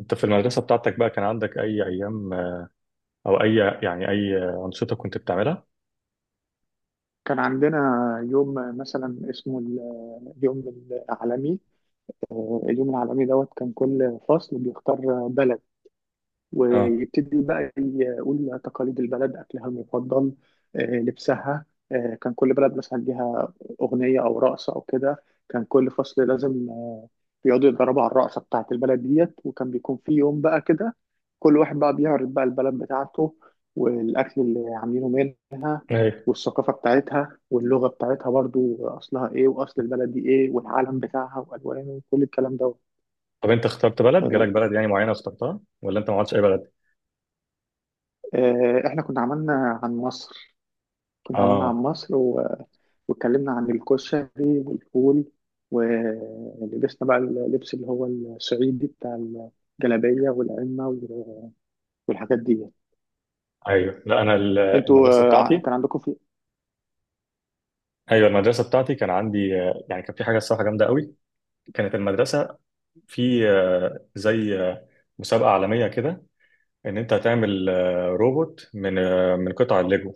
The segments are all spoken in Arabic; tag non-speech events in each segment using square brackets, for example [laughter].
انت في المدرسة بتاعتك بقى كان عندك اي ايام او اي يعني اي انشطة كنت بتعملها؟ كان عندنا يوم مثلا اسمه اليوم العالمي. دوت كان كل فصل بيختار بلد اه. ويبتدي بقى يقول تقاليد البلد، أكلها المفضل، لبسها. كان كل بلد مثلا ليها أغنية أو رقصة أو كده. كان كل فصل لازم بيقعدوا يتدربوا على الرقصة بتاعة البلد ديت، وكان بيكون في يوم بقى كده كل واحد بقى بيعرض بقى البلد بتاعته والأكل اللي عاملينه منها ايوه. والثقافة بتاعتها واللغة بتاعتها برضو أصلها إيه، وأصل البلد دي إيه، والعالم بتاعها وألوانه وكل الكلام ده. طب انت اخترت بلد؟ آه، جالك بلد يعني معينة واخترتها؟ ولا انت ما عملتش اي بلد؟ إحنا كنا عملنا عن مصر. كنا عملنا عن اه، مصر واتكلمنا عن الكشري والفول، ولبسنا بقى اللبس اللي هو الصعيدي بتاع الجلابية والعمة والحاجات دي. ايوه. لا انا انتوا المدرسة آه، ع- بتاعتي. كان عندكم في ايوه، المدرسة بتاعتي كان عندي يعني كان في حاجة الصراحة جامدة قوي. كانت المدرسة في زي مسابقة عالمية كده، ان انت هتعمل روبوت من من قطع الليجو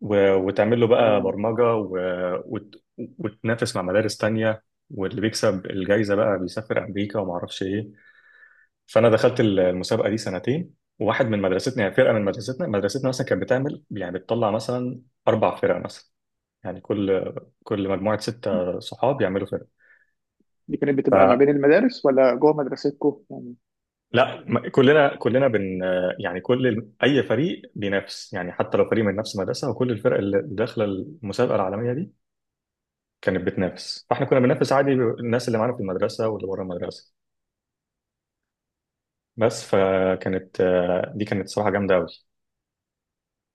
وتعمل له بقى ما- برمجة وتنافس مع مدارس تانية، واللي بيكسب الجايزة بقى بيسافر أمريكا وما أعرفش إيه. فأنا دخلت المسابقة دي سنتين، وواحد من مدرستنا يعني فرقة من مدرستنا، مدرستنا مثلا كانت بتعمل يعني بتطلع مثلا أربع فرق مثلا، يعني كل كل مجموعة ستة صحاب يعملوا فرقة. دي كانت بتبقى ما بين فلا، المدارس ولا جوه مدرستكم يعني؟ كلنا يعني كل أي فريق بينافس، يعني حتى لو فريق من نفس المدرسة، وكل الفرق اللي داخلة المسابقة العالمية دي كانت بتنافس. فاحنا كنا بننافس عادي الناس اللي معانا في المدرسه واللي بره المدرسه بس. فكانت دي كانت صراحه جامده قوي.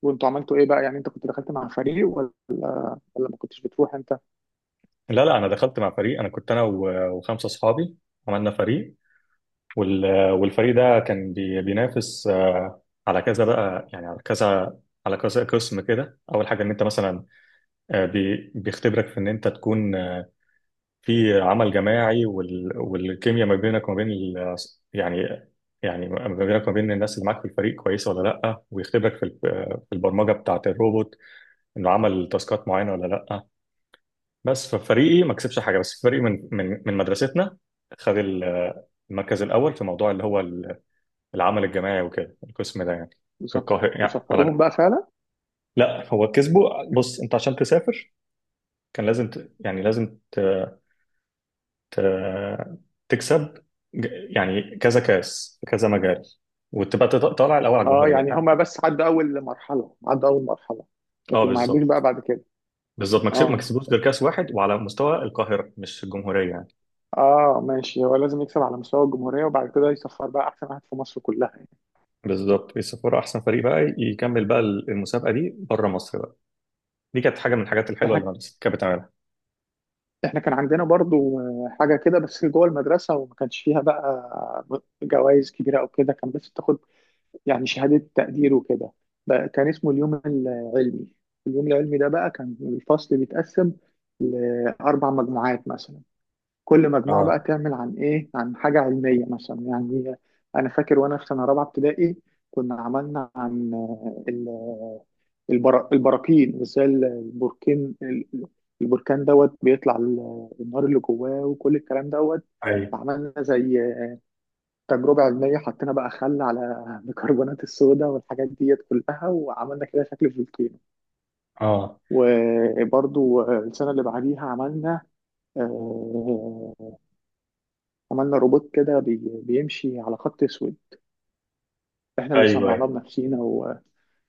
وانتوا عملتوا ايه بقى؟ يعني انت كنت دخلت مع فريق ولا ما كنتش بتروح انت؟ لا لا، انا دخلت مع فريق. انا كنت انا وخمسه اصحابي عملنا فريق، والفريق ده كان بينافس على كذا بقى، يعني على كذا، على كذا قسم كده. اول حاجه ان انت مثلا بيختبرك في ان انت تكون في عمل جماعي، والكيمياء ما بينك وما بين يعني يعني ما بينك وما بين الناس اللي معاك في الفريق كويسه ولا لا، ويختبرك في في البرمجه بتاعه الروبوت، انه عمل تاسكات معينه ولا لا. بس في فريقي ما كسبش حاجه. بس في فريقي من من مدرستنا، خد المركز الاول في موضوع اللي هو العمل الجماعي وكده، القسم ده يعني، في وسف- القاهره يعني على وسفروهم ده. بقى فعلا؟ لا هو كسبه. بص، انت عشان تسافر كان لازم يعني لازم ت- تكسب يعني كذا كاس في كذا مجال، وتبقى طالع الاول على اه، الجمهوريه. يعني هما اه، بس عدوا اول مرحلة، لكن ما عدوش بقى بالظبط، بعد كده. بالظبط. ما اه، كسبوش غير كاس واحد وعلى مستوى القاهره مش الجمهوريه يعني. اه، ماشي. هو لازم يكسب على مستوى الجمهورية وبعد كده يصفر بقى احسن واحد في مصر كلها يعني. بالظبط، السفاره احسن فريق بقى يكمل بقى المسابقه دي بره مصر بقى. دي كانت حاجه من الحاجات الحلوه اللي احنا مدرستي كانت بتعملها. احنا كان عندنا برضو حاجة كده بس جوه المدرسة، وما كانش فيها بقى جوائز كبيرة او كده. كان بس بتاخد يعني شهادة تقدير وكده. بقى كان اسمه اليوم العلمي. اليوم العلمي ده بقى كان الفصل بيتقسم لأربع مجموعات مثلا، كل مجموعة بقى اه، تعمل عن إيه؟ عن حاجة علمية مثلا يعني. أنا فاكر وأنا في سنة رابعة ابتدائي كنا عملنا عن البراكين، وإزاي البركان دوت بيطلع النار اللي جواه وكل الكلام دوت. ايوه. عملنا زي تجربة علمية، حطينا بقى خل على بيكربونات الصودا والحاجات ديت كلها، وعملنا كده شكل فولكينو. اه، وبرضو السنة اللي بعديها آه، عملنا روبوت كده بيمشي على خط اسود، احنا اللي ايوه، صنعناه ايوه. بنفسينا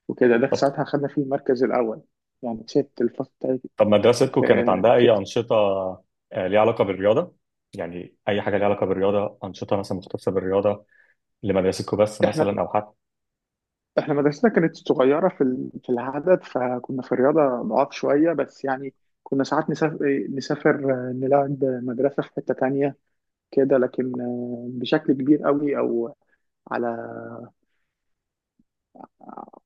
وكده. ده طب، ساعتها خدنا فيه المركز الاول، يعني كسبت الفصل بتاعي. طب مدرستكم كانت في عندها اي كسبت انشطه ليها علاقه بالرياضه؟ يعني اي حاجه ليها علاقه بالرياضه، انشطه مثلا مختصه بالرياضه لمدرستكم بس احنا مثلا، او حتى. احنا مدرستنا كانت صغيره في العدد، فكنا في الرياضه ضعاف شويه بس يعني. كنا ساعات نسافر نلعب مدرسه في حته تانية كده، لكن بشكل كبير قوي، او على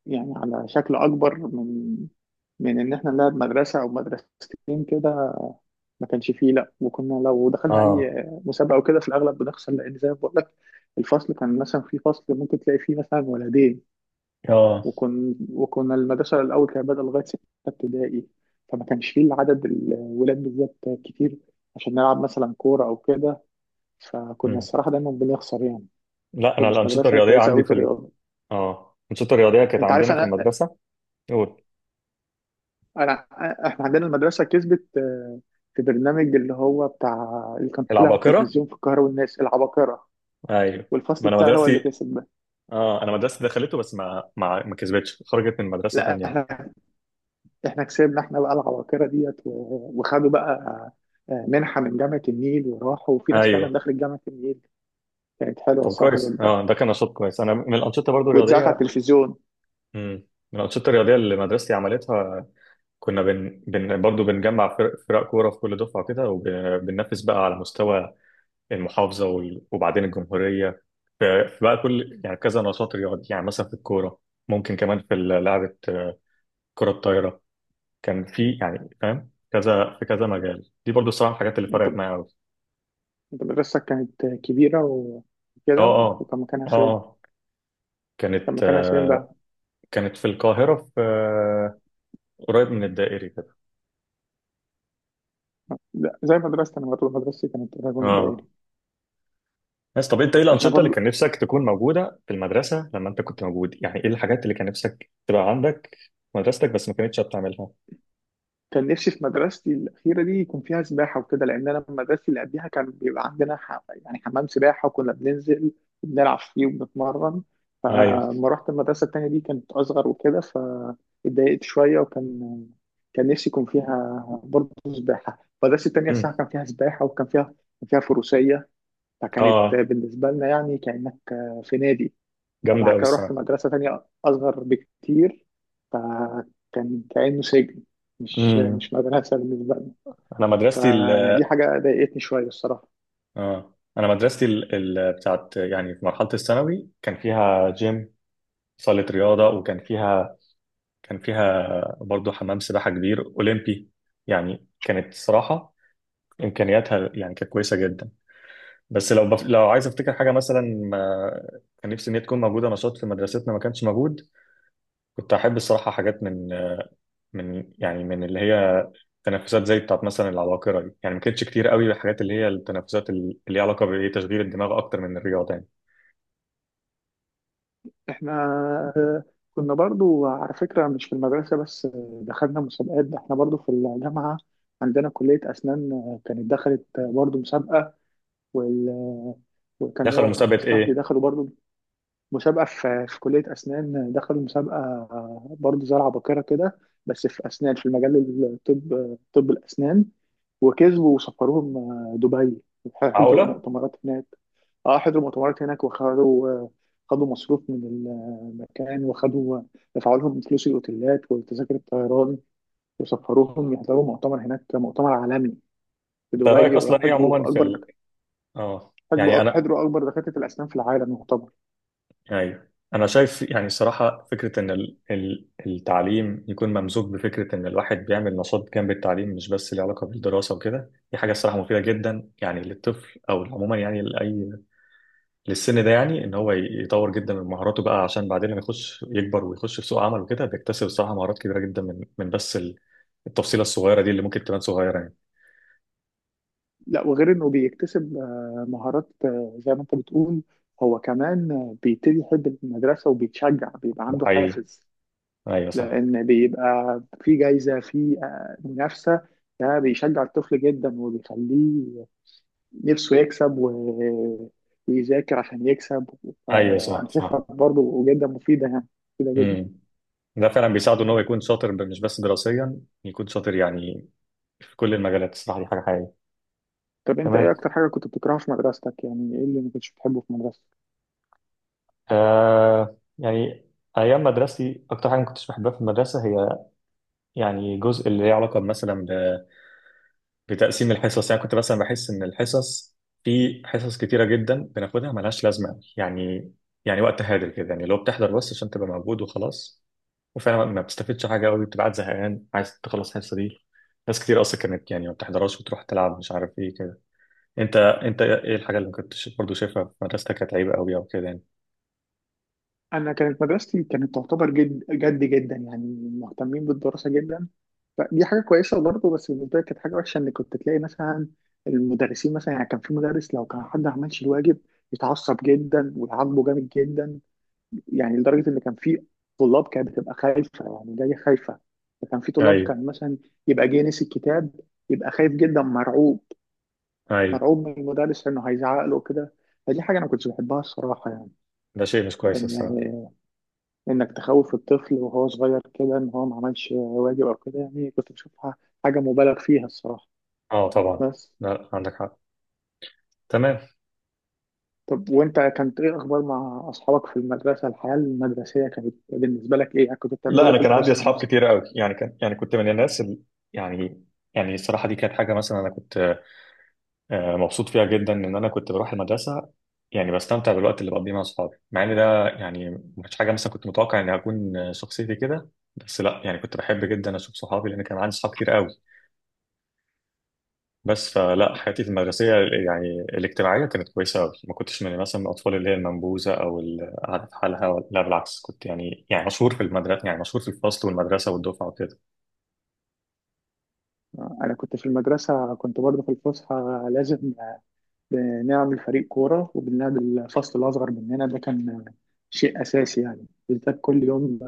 على شكل اكبر من ان احنا نلعب مدرسه او مدرستين كده، ما كانش فيه، لا. وكنا لو دخلنا اه، اي مسابقه او كده، في الاغلب بنخسر، لان زي ما بقول لك الفصل كان مثلا. في فصل ممكن تلاقي فيه مثلا ولدين. اه. وكنا المدرسه الاول كانت بادئه لغايه سته ابتدائي، فما كانش فيه العدد، الولاد بالذات كتير عشان نلعب مثلا كوره او كده، فكنا مم. الصراحه دايما بنخسر يعني. لا ما انا كناش الانشطه مدرسه الرياضيه كويسه عندي قوي في في الرياضه. اه، الانشطه الرياضيه كانت انت عارف، عندنا في انا المدرسه. قول. انا احنا عندنا المدرسه كسبت في برنامج اللي هو بتاع اللي كان طلع على العباقره، التلفزيون في القاهره والناس العباقره، ايوه. ما والفصل انا بتاعي هو اللي مدرستي، كسب ده. اه انا مدرستي دخلته بس ما ما ما كسبتش، خرجت من مدرسه لا، تانية. احنا كسبنا احنا بقى العباقره ديت وخدوا بقى منحه من جامعه النيل، وراحوا وفي ناس ايوه. فعلا دخلت جامعه النيل. كانت حلوه طب الصراحه كويس. جدا، اه ده كان نشاط كويس. انا من الانشطه برضو واتذاعت على الرياضيه، التلفزيون. مم. من الانشطه الرياضيه اللي مدرستي عملتها، كنا برضو بنجمع فرق كوره في كل دفعه كده، وبننافس بقى على مستوى المحافظه وبعدين الجمهوريه. فبقى كل يعني كذا نشاط رياضي، يعني مثلا في الكوره، ممكن كمان في لعبه كره الطايره. كان في يعني فاهم كذا في كذا مجال. دي برضو الصراحه الحاجات اللي انت فرقت معايا قوي. انت مدرستك كانت كبيره اه. وكده، اه. وكان مكانها اه فين؟ كان كانت مكانها فين بقى؟ كانت في القاهره في قريب من الدائري كده. لا، زي مدرستي. انا برضه مدرستي كانت قريبه من اه. الدائري. بس طب انت ايه احنا الانشطه اللي برضو كان نفسك تكون موجوده في المدرسه لما انت كنت موجود؟ يعني ايه الحاجات اللي كان نفسك تبقى عندك في مدرستك بس ما كانتش بتعملها؟ كان نفسي في مدرستي الأخيرة دي يكون فيها سباحة وكده، لأن أنا مدرستي اللي قبليها كان بيبقى عندنا يعني حمام سباحة وكنا بننزل وبنلعب فيه وبنتمرن. ايوه. فلما رحت المدرسة التانية دي كانت أصغر وكده، فاتضايقت شوية، وكان نفسي يكون فيها برضه سباحة. المدرسة التانية الصراحة أمم. كان فيها سباحة، وكان فيها فروسية. اه، فكانت آه. بالنسبة لنا يعني كأنك في نادي. جامده فبعد قوي. كده رحت مدرسة تانية أصغر بكتير، فكان كأنه سجن، مش امم. مش مدرسة بالنسبة لنا. انا مدرستي ال، فدي حاجة ضايقتني شوية الصراحة. اه انا مدرستي بتاعت يعني في مرحله الثانوي كان فيها جيم، صاله رياضه، وكان فيها كان فيها برضه حمام سباحه كبير اولمبي. يعني كانت صراحه امكانياتها يعني كانت كويسه جدا. بس لو لو عايز افتكر حاجه مثلا ما... كان نفسي ان هي تكون موجوده نشاط في مدرستنا ما كانش موجود، كنت احب الصراحه حاجات من من يعني من اللي هي تنافسات زي بتاعت مثلا العباقرة دي. يعني ما كانتش كتير قوي بالحاجات اللي هي التنافسات اللي ليها علاقة بإيه، تشغيل الدماغ أكتر من الرياضة يعني. إحنا آه، كنا برضو على فكرة مش في المدرسة بس، دخلنا مسابقات. ده إحنا برضو في الجامعة عندنا كلية أسنان، كانت دخلت برضو مسابقة، وال- وكان ليا دخلوا واحد مسابقة صاحبي إيه؟ دخلوا برضو مسابقة في كلية أسنان. دخلوا مسابقة برضه زي العباقرة كده، بس في أسنان، في المجال طب الأسنان، وكسبوا وسفروهم دبي وحضروا عقلة؟ مؤتمرات هناك. اه، حضروا مؤتمرات هناك، وخدوا آه، خدوا مصروف من المكان، دفعوا لهم فلوس الأوتيلات وتذاكر الطيران، وسفروهم يحضروا مؤتمر هناك، مؤتمر عالمي في أنت رأيك دبي، أصلا إيه عموما في آه يعني أنا، حضروا أكبر دكاترة الأسنان في العالم يعتبر. يعني أنا شايف يعني الصراحة فكرة إن التعليم يكون ممزوج بفكرة إن الواحد بيعمل نشاط جنب التعليم، مش بس ليه علاقة بالدراسة وكده، دي حاجة الصراحة مفيدة جدا يعني للطفل أو عموما يعني لأي للسن ده. يعني ان هو يطور جدا من مهاراته بقى عشان بعدين لما يخش يكبر ويخش في سوق عمل وكده بيكتسب الصراحه مهارات كبيره جدا من من بس التفصيله الصغيره دي اللي ممكن تبان صغيره يعني. لا، وغير انه بيكتسب مهارات زي ما انت بتقول، هو كمان بيبتدي يحب المدرسة وبيتشجع، بيبقى ده عنده حقيقي. حافز، ايوه صح. لأن بيبقى في جايزة، في منافسة. ده بيشجع الطفل جدا وبيخليه نفسه يكسب ويذاكر عشان يكسب. ايوه فأنا صح شايفها صح. برضه جدا مفيدة يعني، مفيدة جدا. امم. ده فعلا بيساعده ان هو يكون شاطر، مش بس دراسيا يكون شاطر يعني في كل المجالات. الصراحه دي حاجه حقيقيه. طب أنت إيه تمام. أكتر حاجة كنت بتكرهها في مدرستك؟ يعني إيه اللي ما كنتش بتحبه في مدرستك؟ آه يعني ايام مدرستي اكتر حاجه ما كنتش بحبها في المدرسه هي يعني جزء اللي ليه علاقه مثلا بتقسيم الحصص. يعني كنت مثلا بحس ان الحصص في حصص كتيره جدا بناخدها ملهاش لازمه يعني، يعني وقت هادر كده، يعني لو بتحضر بس عشان تبقى موجود وخلاص، وفعلا ما بتستفدش حاجه قوي، بتبقى قاعد زهقان عايز تخلص الحصه دي. ناس كتير اصلا كانت يعني ما بتحضرهاش وتروح تلعب مش عارف ايه كده. انت ايه الحاجه اللي كنت برضه شايفها في مدرستك كانت عيب قوي او كده يعني؟ انا كانت مدرستي كانت تعتبر جد جد جدا يعني مهتمين بالدراسه جدا. فدي حاجه كويسه برضه، بس بالنسبه لي كانت حاجه وحشه ان كنت تلاقي مثلا المدرسين مثلا. يعني كان في مدرس لو كان حد ما عملش الواجب يتعصب جدا ويعاقبه جامد جدا، يعني لدرجه ان كان في طلاب كانت بتبقى خايفه، يعني جايه خايفه. فكان في طلاب ايوه. كان مثلا يبقى جاي نسي الكتاب، يبقى خايف جدا، مرعوب، ايوه. مرعوب من المدرس انه هيزعق له كده. فدي حاجه انا ما كنتش بحبها الصراحه، ده شيء مش كويس الصراحه. يعني انك تخوف الطفل وهو صغير كده ان هو ما عملش واجب او كده، يعني كنت بشوفها حاجه مبالغ فيها الصراحه اه طبعا. بس. لا عندك حق. تمام. طب وانت كانت ايه اخبار مع اصحابك في المدرسه؟ الحياه المدرسيه كانت بالنسبه لك ايه؟ يعني كنتوا لا بتعملوا ايه انا في كان عندي الفسحه اصحاب مثلا؟ كتير قوي. يعني كان يعني كنت من الناس يعني، يعني الصراحه دي كانت حاجه مثلا انا كنت مبسوط فيها جدا ان انا كنت بروح المدرسه. يعني بستمتع بالوقت اللي بقضيه مع اصحابي، مع ان ده يعني ما كانش حاجه مثلا كنت متوقع اني هكون شخصيتي كده، بس لا، يعني كنت بحب جدا اشوف صحابي لان كان عندي صحاب كتير قوي بس. فلا حياتي في المدرسيه يعني الاجتماعيه كانت كويسه قوي، ما كنتش من مثلا من الاطفال اللي هي المنبوذه او القاعده في حالها، لا بالعكس كنت يعني يعني مشهور في المدرسه، يعني مشهور في الفصل والمدرسه والدفعه وكده. انا كنت في المدرسه، كنت برضه في الفسحه لازم بنعمل فريق كوره وبنلعب الفصل الاصغر مننا، ده كان شيء اساسي يعني، بالذات كل يوم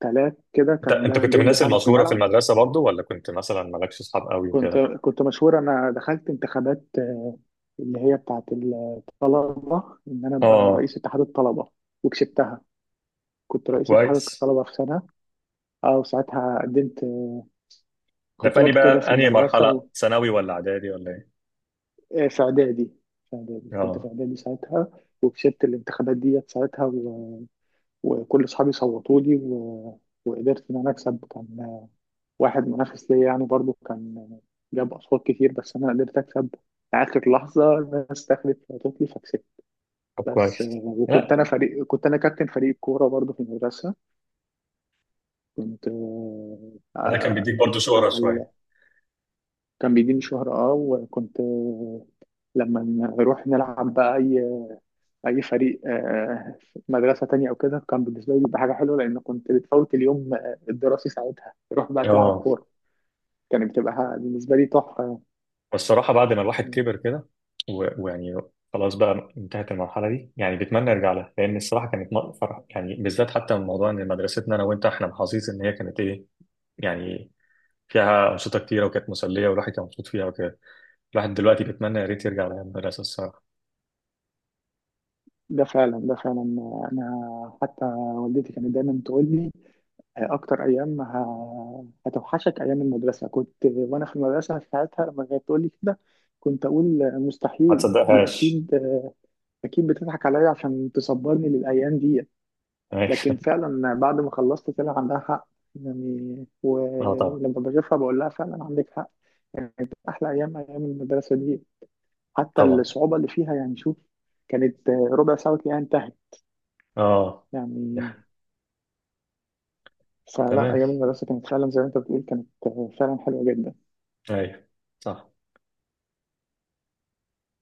ثلاث كده انت كان انت ده كنت من اليوم الناس بتاعنا في المشهوره في الملعب. المدرسه برضو، ولا كنت مثلا مالكش اصحاب قوي كنت وكده؟ كنت مشهور. انا دخلت انتخابات اللي هي بتاعت الطلبه، ان انا ابقى اه. رئيس اتحاد الطلبه وكسبتها. كنت طب رئيس اتحاد كويس. الطلبه في سنه. اه، وساعتها قدمت ده في انهي خطاب كده في بقى، انهي المدرسه مرحله، ثانوي ولا اعدادي ولا ايه؟ في اعدادي. كنت في اه. اعدادي ساعتها. وكسبت الانتخابات ديت ساعتها وكل اصحابي صوتوا لي وقدرت ان انا اكسب. كان واحد منافس ليا يعني برضو، كان جاب اصوات كتير بس انا قدرت اكسب اخر لحظه، الناس دخلت وقتت لي فكسبت. طب بس آه، كويس. وكنت لا، انا فريق كنت انا كابتن فريق الكوره برضه في المدرسه. كنت آه، ده كان ع- بيديك برضو شهره على شويه. كان بيديني شهرة اه. وكنت لما نروح نلعب بقى اي فريق في مدرسه تانية او كده، كان بالنسبه لي بيبقى حاجه حلوه لان كنت بتفوت اليوم الدراسي ساعتها، تروح بقى تلعب اه. كوره. كانت بتبقى بالنسبه لي تحفه. والصراحه بعد ما الواحد كبر كده ويعني خلاص بقى انتهت المرحله دي، يعني بيتمنى يرجع لها لان الصراحه كانت فرح يعني، بالذات حتى من موضوع ان مدرستنا انا وانت احنا محظوظين ان هي كانت ايه يعني، فيها انشطه كتيره وكانت مسليه والواحد كان مبسوط فيها وكده. الواحد دلوقتي بيتمنى يا ريت يرجع لأيام المدرسة الصراحة. ده فعلا، ده فعلا. انا حتى والدتي كانت دايما تقول لي اكتر ايام هتوحشك ايام المدرسه. كنت وانا في المدرسه ساعتها لما كانت تقول لي كده كنت اقول ما مستحيل. دي تصدقهاش. اكيد، اكيد بتضحك عليا عشان تصبرني للايام دي. لكن أيوة. فعلا بعد ما خلصت طلع عندها حق يعني. [laughs] اه طبعا. ولما بشوفها بقول لها فعلا عندك حق. كانت احلى ايام، ايام المدرسه دي، حتى طبعا. الصعوبه اللي فيها، يعني شوف، كانت ربع ساعه وتلاقيها انتهت اه. يعني. يح. فلا، تمام. ايام المدرسه كانت فعلا زي ما انت بتقول، كانت فعلا حلوه جدا. ايوه صح.